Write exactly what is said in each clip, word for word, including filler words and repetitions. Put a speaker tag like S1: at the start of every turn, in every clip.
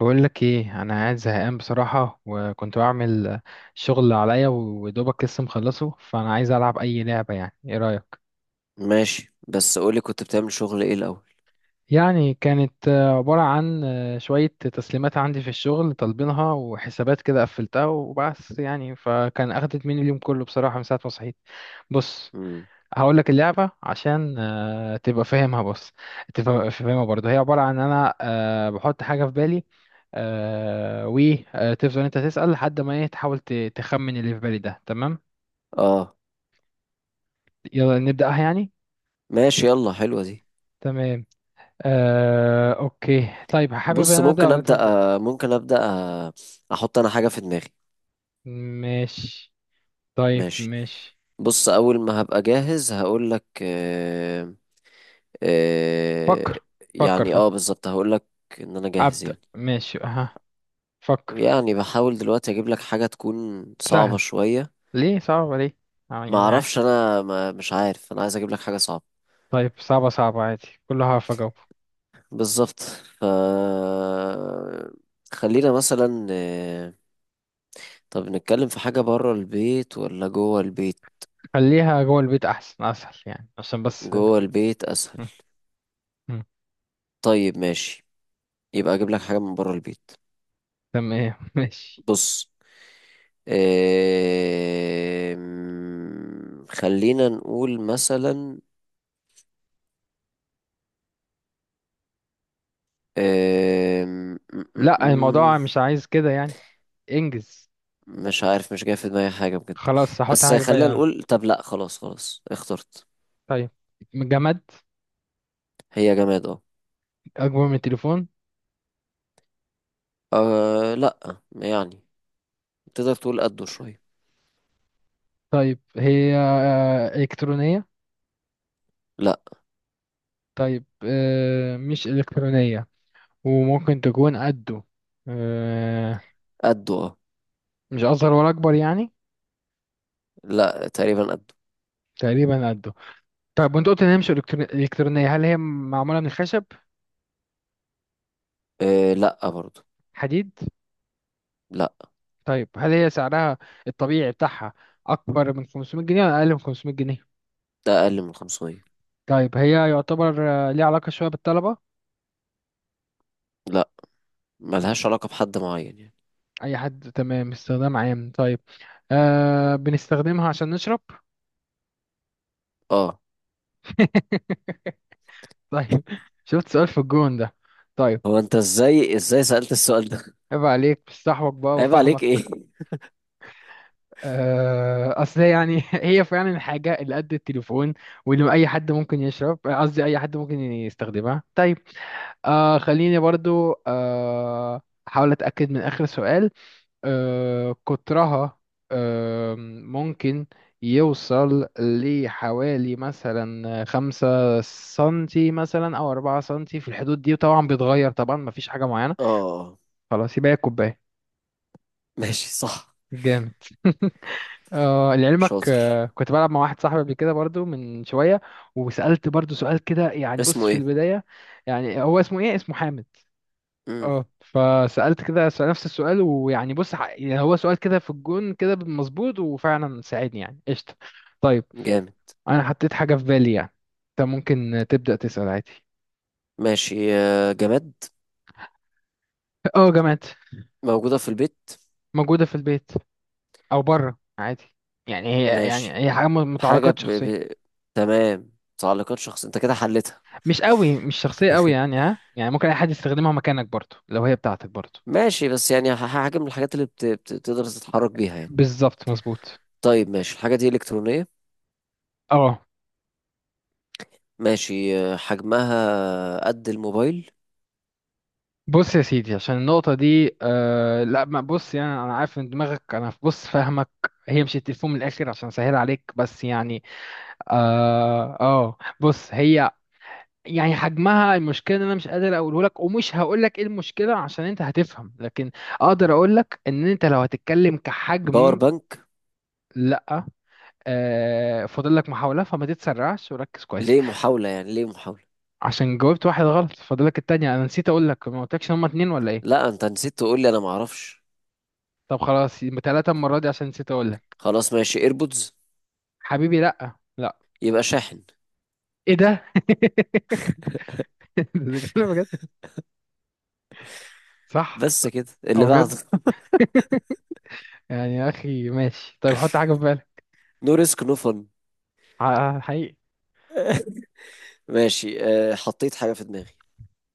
S1: بقول لك ايه، انا قاعد زهقان بصراحه وكنت بعمل شغل عليا ودوبك لسه مخلصه، فانا عايز العب اي لعبه. يعني ايه رايك؟
S2: ماشي، بس قولي كنت بتعمل شغل ايه الاول؟
S1: يعني كانت آه، عباره عن آه، شويه تسليمات عندي في الشغل طالبينها وحسابات كده قفلتها وبس يعني، فكان اخدت مني اليوم كله بصراحه من ساعه ما صحيت. بص،
S2: امم.
S1: هقول لك اللعبة عشان آه، تبقى فاهمها. بص تبقى فاهمها برضه. هي عبارة عن أنا آه، بحط حاجة في بالي، آه، وتفضل أنت تسأل لحد ما إيه، تحاول ت- تخمن اللي في بالي ده. تمام،
S2: اه.
S1: يلا نبدأها يعني.
S2: ماشي، يلا حلوة دي.
S1: تمام، آه، أوكي. طيب حابب
S2: بص
S1: أنا أبدأ
S2: ممكن
S1: ولا أنت
S2: ابدا.
S1: تبدأ؟
S2: آه، ممكن ابدا آه، احط انا حاجة في دماغي.
S1: ماشي، طيب
S2: ماشي.
S1: ماشي.
S2: بص اول ما هبقى جاهز هقول لك. آه آه
S1: فكر فكر
S2: يعني
S1: فكر.
S2: اه بالظبط هقول لك ان انا جاهز
S1: أبدأ
S2: يعني.
S1: ماشي أها. فكر.
S2: يعني بحاول دلوقتي اجيب لك حاجة تكون صعبة
S1: سهل.
S2: شوية.
S1: ليه صعب ليه؟ آه،
S2: ما
S1: يعني عادي.
S2: اعرفش، انا ما مش عارف، انا عايز اجيب لك حاجة صعبة.
S1: طيب، صعبة صعبة عادي، كلها هعرف أجاوب.
S2: بالظبط. ف خلينا مثلا، آه، طب نتكلم في حاجة برا البيت ولا جوه البيت؟
S1: خليها جوه البيت احسن، اسهل يعني عشان بس
S2: جوه البيت أسهل.
S1: م- م.
S2: طيب ماشي، يبقى أجيب لك حاجة من برا البيت.
S1: تمام ماشي.
S2: بص، آم، خلينا نقول مثلا. آم، م- م-
S1: لا،
S2: م-
S1: الموضوع مش عايز كده يعني. انجز.
S2: مش عارف مش جاي في دماغي حاجة بجد.
S1: خلاص هحط
S2: بس
S1: حاجه بقى
S2: خلينا
S1: يعني.
S2: نقول، طب لأ خلاص خلاص اخترت.
S1: طيب، جماد.
S2: هي جماد اه.
S1: اكبر من التليفون.
S2: آه، لأ يعني تقدر تقول قده شوية.
S1: طيب هي آه، الكترونيه؟
S2: لأ.
S1: طيب آه، مش الكترونيه وممكن تكون قده. آه،
S2: قده اه.
S1: مش اصغر ولا اكبر يعني.
S2: لأ تقريبا قده.
S1: تقريبا قده. طيب، وانت قلت ان هي مش إلكترو- الكترونيه، هل هي معموله من خشب؟
S2: آه، لأ برضه.
S1: حديد؟
S2: لأ،
S1: طيب، هل هي سعرها الطبيعي بتاعها أكبر من خمسمية جنيه ولا أقل من خمسمية جنيه؟
S2: ده اقل من خمسمية.
S1: طيب، هي يعتبر آه، ليها علاقة شوية بالطلبة؟
S2: لا، ملهاش علاقة بحد معين يعني.
S1: أي حد، تمام، استخدام عام. طيب، آه بنستخدمها عشان نشرب.
S2: اه.
S1: طيب. شفت سؤال في الجون ده؟ طيب.
S2: هو انت ازاي ازاي سألت السؤال ده؟
S1: عيب عليك، بستحوك بقى
S2: عيب عليك ايه؟
S1: وفاهمك. آه أصل هي يعني هي فعلا الحاجة اللي قد التليفون واللي أي حد ممكن يشرب، قصدي أي حد ممكن يستخدمها. طيب، آه خليني برضو آه احاول اتاكد من اخر سؤال. آه، قطرها آه ممكن يوصل لحوالي مثلا خمسة سنتي مثلا او أربعة سنتي، في الحدود دي، وطبعا بيتغير طبعا، مفيش حاجة معينة.
S2: اه.
S1: خلاص يبقى هي كوباية.
S2: ماشي صح.
S1: جامد. آه لعلمك،
S2: شاطر.
S1: آه كنت بلعب مع واحد صاحبي قبل كده برضو من شوية، وسألت برضو سؤال كده يعني. بص
S2: اسمه
S1: في
S2: ايه؟
S1: البداية يعني، هو اسمه ايه؟ اسمه حامد.
S2: امم.
S1: اه. فسألت كده، سأل نفس السؤال، ويعني بص ح- يعني هو سؤال كده في الجون كده مظبوط وفعلا ساعدني يعني، قشطة. طيب،
S2: جامد.
S1: أنا حطيت حاجة في بالي يعني، أنت ممكن تبدأ تسأل عادي.
S2: ماشي، آه، جماد.
S1: اه، جامعة.
S2: موجودة في البيت.
S1: موجودة في البيت أو بره عادي. يعني هي يعني
S2: ماشي،
S1: هي حاجة م-
S2: حاجة
S1: متعلقات
S2: ب...
S1: شخصية.
S2: ب... تمام، تعليقات شخص، انت كده حلتها.
S1: مش قوي، مش شخصية قوي يعني، ها يعني ممكن أي حد يستخدمها مكانك برضه، لو هي بتاعتك برضه.
S2: ماشي، بس يعني ح- حاجة من الحاجات اللي بت... بت... تقدر تتحرك بيها يعني.
S1: بالظبط مظبوط.
S2: طيب ماشي، الحاجة دي إلكترونية.
S1: اه
S2: ماشي، آه، حجمها قد الموبايل.
S1: بص يا سيدي، عشان النقطة دي آه، لا ما بص يعني، أنا عارف إن دماغك، أنا بص فاهمك. هي مش التليفون، من الآخر عشان سهل عليك بس يعني. آه, آه بص هي يعني حجمها، المشكلة إن أنا مش قادر أقوله لك، ومش هقول لك إيه المشكلة عشان أنت هتفهم، لكن أقدر أقول لك إن أنت لو هتتكلم
S2: باور
S1: كحجم.
S2: بانك.
S1: لا. آه، فاضل لك محاولة فما تتسرعش وركز كويس.
S2: ليه محاولة يعني ليه محاولة؟
S1: عشان جاوبت واحد غلط، فاضل لك التانية. أنا نسيت أقول لك، ما قلتلكش إن هما اتنين ولا إيه.
S2: لا انت نسيت تقول لي، انا معرفش.
S1: طب خلاص، يبقى تلاتة المرة دي عشان نسيت أقول لك.
S2: خلاص ماشي، ايربودز.
S1: حبيبي لا. لا.
S2: يبقى شاحن.
S1: ايه ده؟ ده كلام بجد؟ صح.
S2: بس كده اللي
S1: او
S2: بعده.
S1: بجد. يعني يا اخي ماشي، طيب حط حاجه في بالك.
S2: نو ريسك نو فن.
S1: ع- حقيقي.
S2: ماشي، أه حطيت حاجة في دماغي.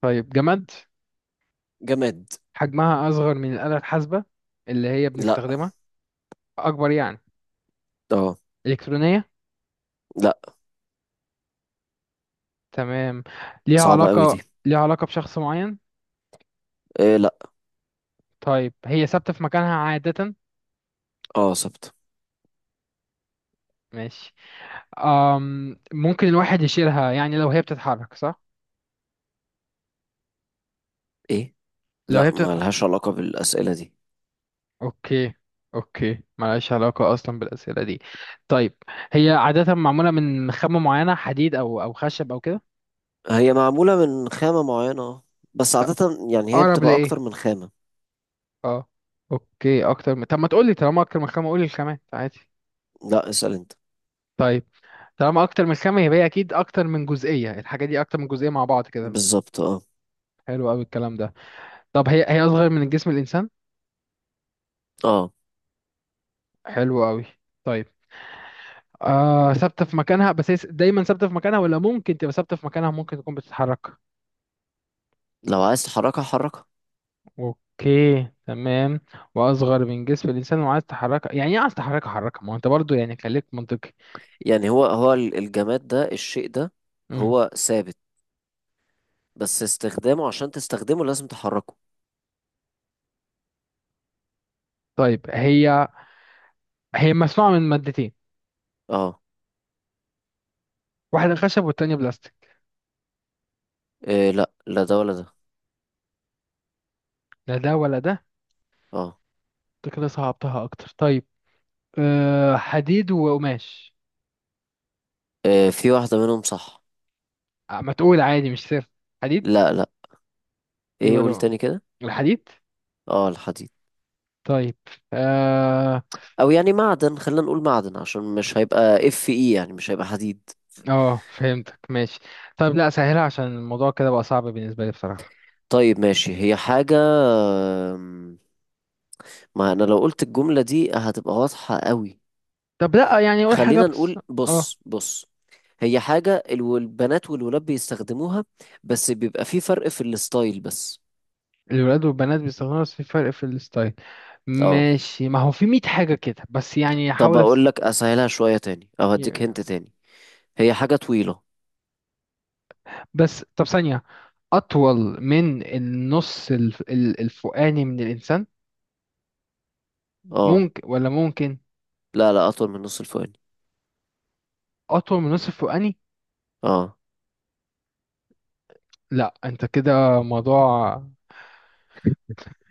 S1: طيب، جماد.
S2: جماد.
S1: حجمها اصغر من الاله الحاسبه اللي هي
S2: لا.
S1: بنستخدمها؟ اكبر يعني؟
S2: اه.
S1: الكترونيه؟
S2: لا.
S1: تمام. ليها
S2: صعبة قوي دي.
S1: علاقه، ليها علاقه بشخص معين؟
S2: إيه، لا.
S1: طيب، هي ثابته في مكانها عاده؟
S2: اه صبت.
S1: ماشي. أم... ممكن الواحد يشيلها يعني، لو هي بتتحرك صح؟
S2: ايه،
S1: لو
S2: لا
S1: هي
S2: ما
S1: بتتحرك.
S2: لهاش علاقة بالأسئلة دي.
S1: اوكي. اوكي ملهاش علاقة اصلا بالأسئلة دي. طيب، هي عادة معمولة من خامة معينة، حديد او او خشب او كده؟
S2: هي معمولة من خامة معينة اه. بس عادة يعني هي
S1: اقرب
S2: بتبقى
S1: لايه؟
S2: اكتر من خامة.
S1: اه، اوكي، اكتر من، طب ما تقولي طالما اكتر من خامة قولي الخامات عادي.
S2: لا اسأل انت.
S1: طيب، طالما اكتر من خامة، يبقى هي اكيد اكتر من جزئية، الحاجة دي اكتر من جزئية مع بعض كده.
S2: بالظبط اه.
S1: حلو قوي الكلام ده. طب، هي هي اصغر من جسم الانسان؟
S2: اه.
S1: حلو قوي. طيب آه، ثابتة في مكانها بس، هي س- دايما ثابتة في مكانها، ولا ممكن تبقى ثابتة في مكانها، ممكن تكون بتتحرك؟
S2: لو عايز تحركها حركها.
S1: اوكي تمام. واصغر من جسم الانسان، وعايز تحركها؟ يعني ايه عايز تحركها حركها، ما هو انت برضو يعني خليك منطقي.
S2: يعني هو هو ال- الجماد ده، الشيء ده
S1: امم
S2: هو ثابت، بس استخدامه عشان تستخدمه لازم تحركه.
S1: طيب، هي هي مصنوعه من مادتين،
S2: اه.
S1: واحده خشب والتانيه بلاستيك؟
S2: إيه، لا لا ده ولا ده.
S1: لا ده ولا ده؟
S2: اه.
S1: انت كده صعبتها اكتر. طيب أه، حديد وقماش؟
S2: إيه، في واحدة منهم صح.
S1: أه، ما تقول عادي، مش سر. حديد؟
S2: لا، لا. ايه،
S1: يبقى
S2: قول
S1: له.
S2: تاني كده.
S1: الحديد.
S2: اه الحديد.
S1: طيب. اه.
S2: او يعني معدن، خلينا نقول معدن عشان مش هيبقى اف اي، يعني مش هيبقى حديد.
S1: اه فهمتك، ماشي. طيب لا سهلها، عشان الموضوع كده بقى صعب بالنسبه لي بصراحه.
S2: طيب ماشي، هي حاجة. أم، ما انا لو قلت الجملة دي هتبقى واضحة قوي.
S1: طب لا يعني قول حاجه
S2: خلينا
S1: بس.
S2: نقول
S1: اه.
S2: بص بص، هي حاجة الو- البنات والولاد بيستخدموها، بس بيبقى في فرق في الستايل بس.
S1: الولاد والبنات بيستخدموها بس في فرق في الستايل؟
S2: اه.
S1: ماشي، ما هو في ميت حاجة كده، بس يعني
S2: طب
S1: احاول
S2: اقول
S1: أس...
S2: لك اسهلها شوية تاني او هديك هنت
S1: ي-
S2: تاني. هي حاجة طويلة.
S1: بس طب ثانية. أطول من النص الف... ال- الفوقاني من الإنسان،
S2: اه
S1: ممكن ولا ممكن؟
S2: لا لا، اطول من نص الفواني.
S1: أطول من النص الفوقاني؟
S2: اه.
S1: لا أنت كده موضوع،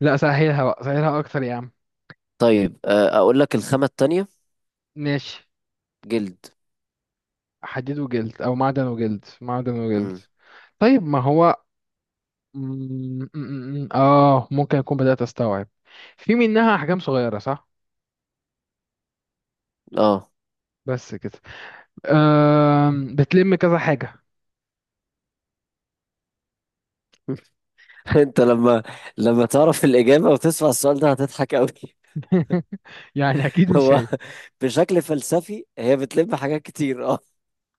S1: لا سهلها بقى، سهلها أكتر يا عم.
S2: طيب آه، اقول لك الخامة التانية.
S1: ماشي.
S2: جلد.
S1: حديد وجلد أو معدن وجلد، معدن وجلد.
S2: امم.
S1: طيب ما هو. م- م- م- م- آه ممكن أكون بدأت أستوعب. في منها أحجام صغيرة صح؟
S2: اه.
S1: بس كده. أم، بتلم كذا حاجة.
S2: انت لما لما تعرف الإجابة وتسمع السؤال ده هتضحك قوي.
S1: يعني أكيد مش
S2: هو
S1: هي.
S2: بشكل فلسفي هي بتلم حاجات كتير اه.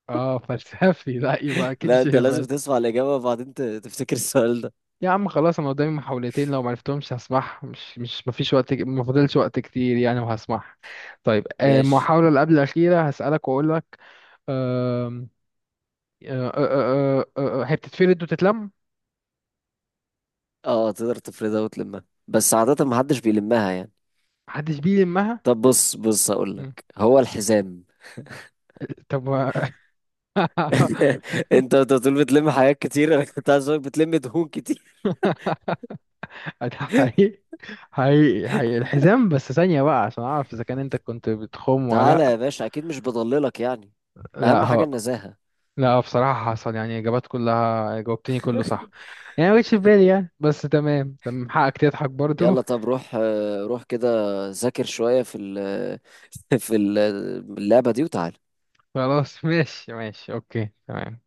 S1: اه فلسفي. لا يبقى أكيد
S2: لا،
S1: مش
S2: انت
S1: هي
S2: لازم
S1: بس.
S2: تسمع الإجابة وبعدين ت- تفتكر السؤال ده.
S1: يا عم خلاص، أنا قدامي محاولتين، لو معرفتهمش هسمعها، مش مش مفيش وقت، ما فاضلش وقت كتير يعني، وهسمعها. طيب آه،
S2: ماشي.
S1: المحاولة اللي قبل الأخيرة هسألك وأقول لك. أم، آه، آه، آه، آه، آه، آه، هي بتتفرد وتتلم؟
S2: اه تقدر تفردها وتلمها، بس عادة محدش بيلمها يعني.
S1: محدش بيلمها.
S2: طب بص بص، هقولك
S1: مم.
S2: هو الحزام.
S1: طب و-
S2: انت انت بتقول بتلم حاجات كتير، انا كنت عايز اقولك بتلم دهون كتير.
S1: ده حقيقي، حقيقي حقيقي. الحزام؟ بس ثانية بقى عشان أعرف إذا كان أنت كنت بتخم ولا
S2: تعالى
S1: لأ.
S2: يا باشا، اكيد مش بضللك يعني،
S1: لأ،
S2: اهم حاجة
S1: ها.
S2: النزاهة.
S1: لأ بصراحة حصل، يعني إجابات كلها جاوبتني كله صح، يعني ما جتش في بالي يعني، بس تمام تمام، حقك تضحك برضو.
S2: يلا طب روح آه، روح كده ذاكر شوية في ال في ال- اللعبة دي وتعالى
S1: خلاص ماشي ماشي، أوكي تمام.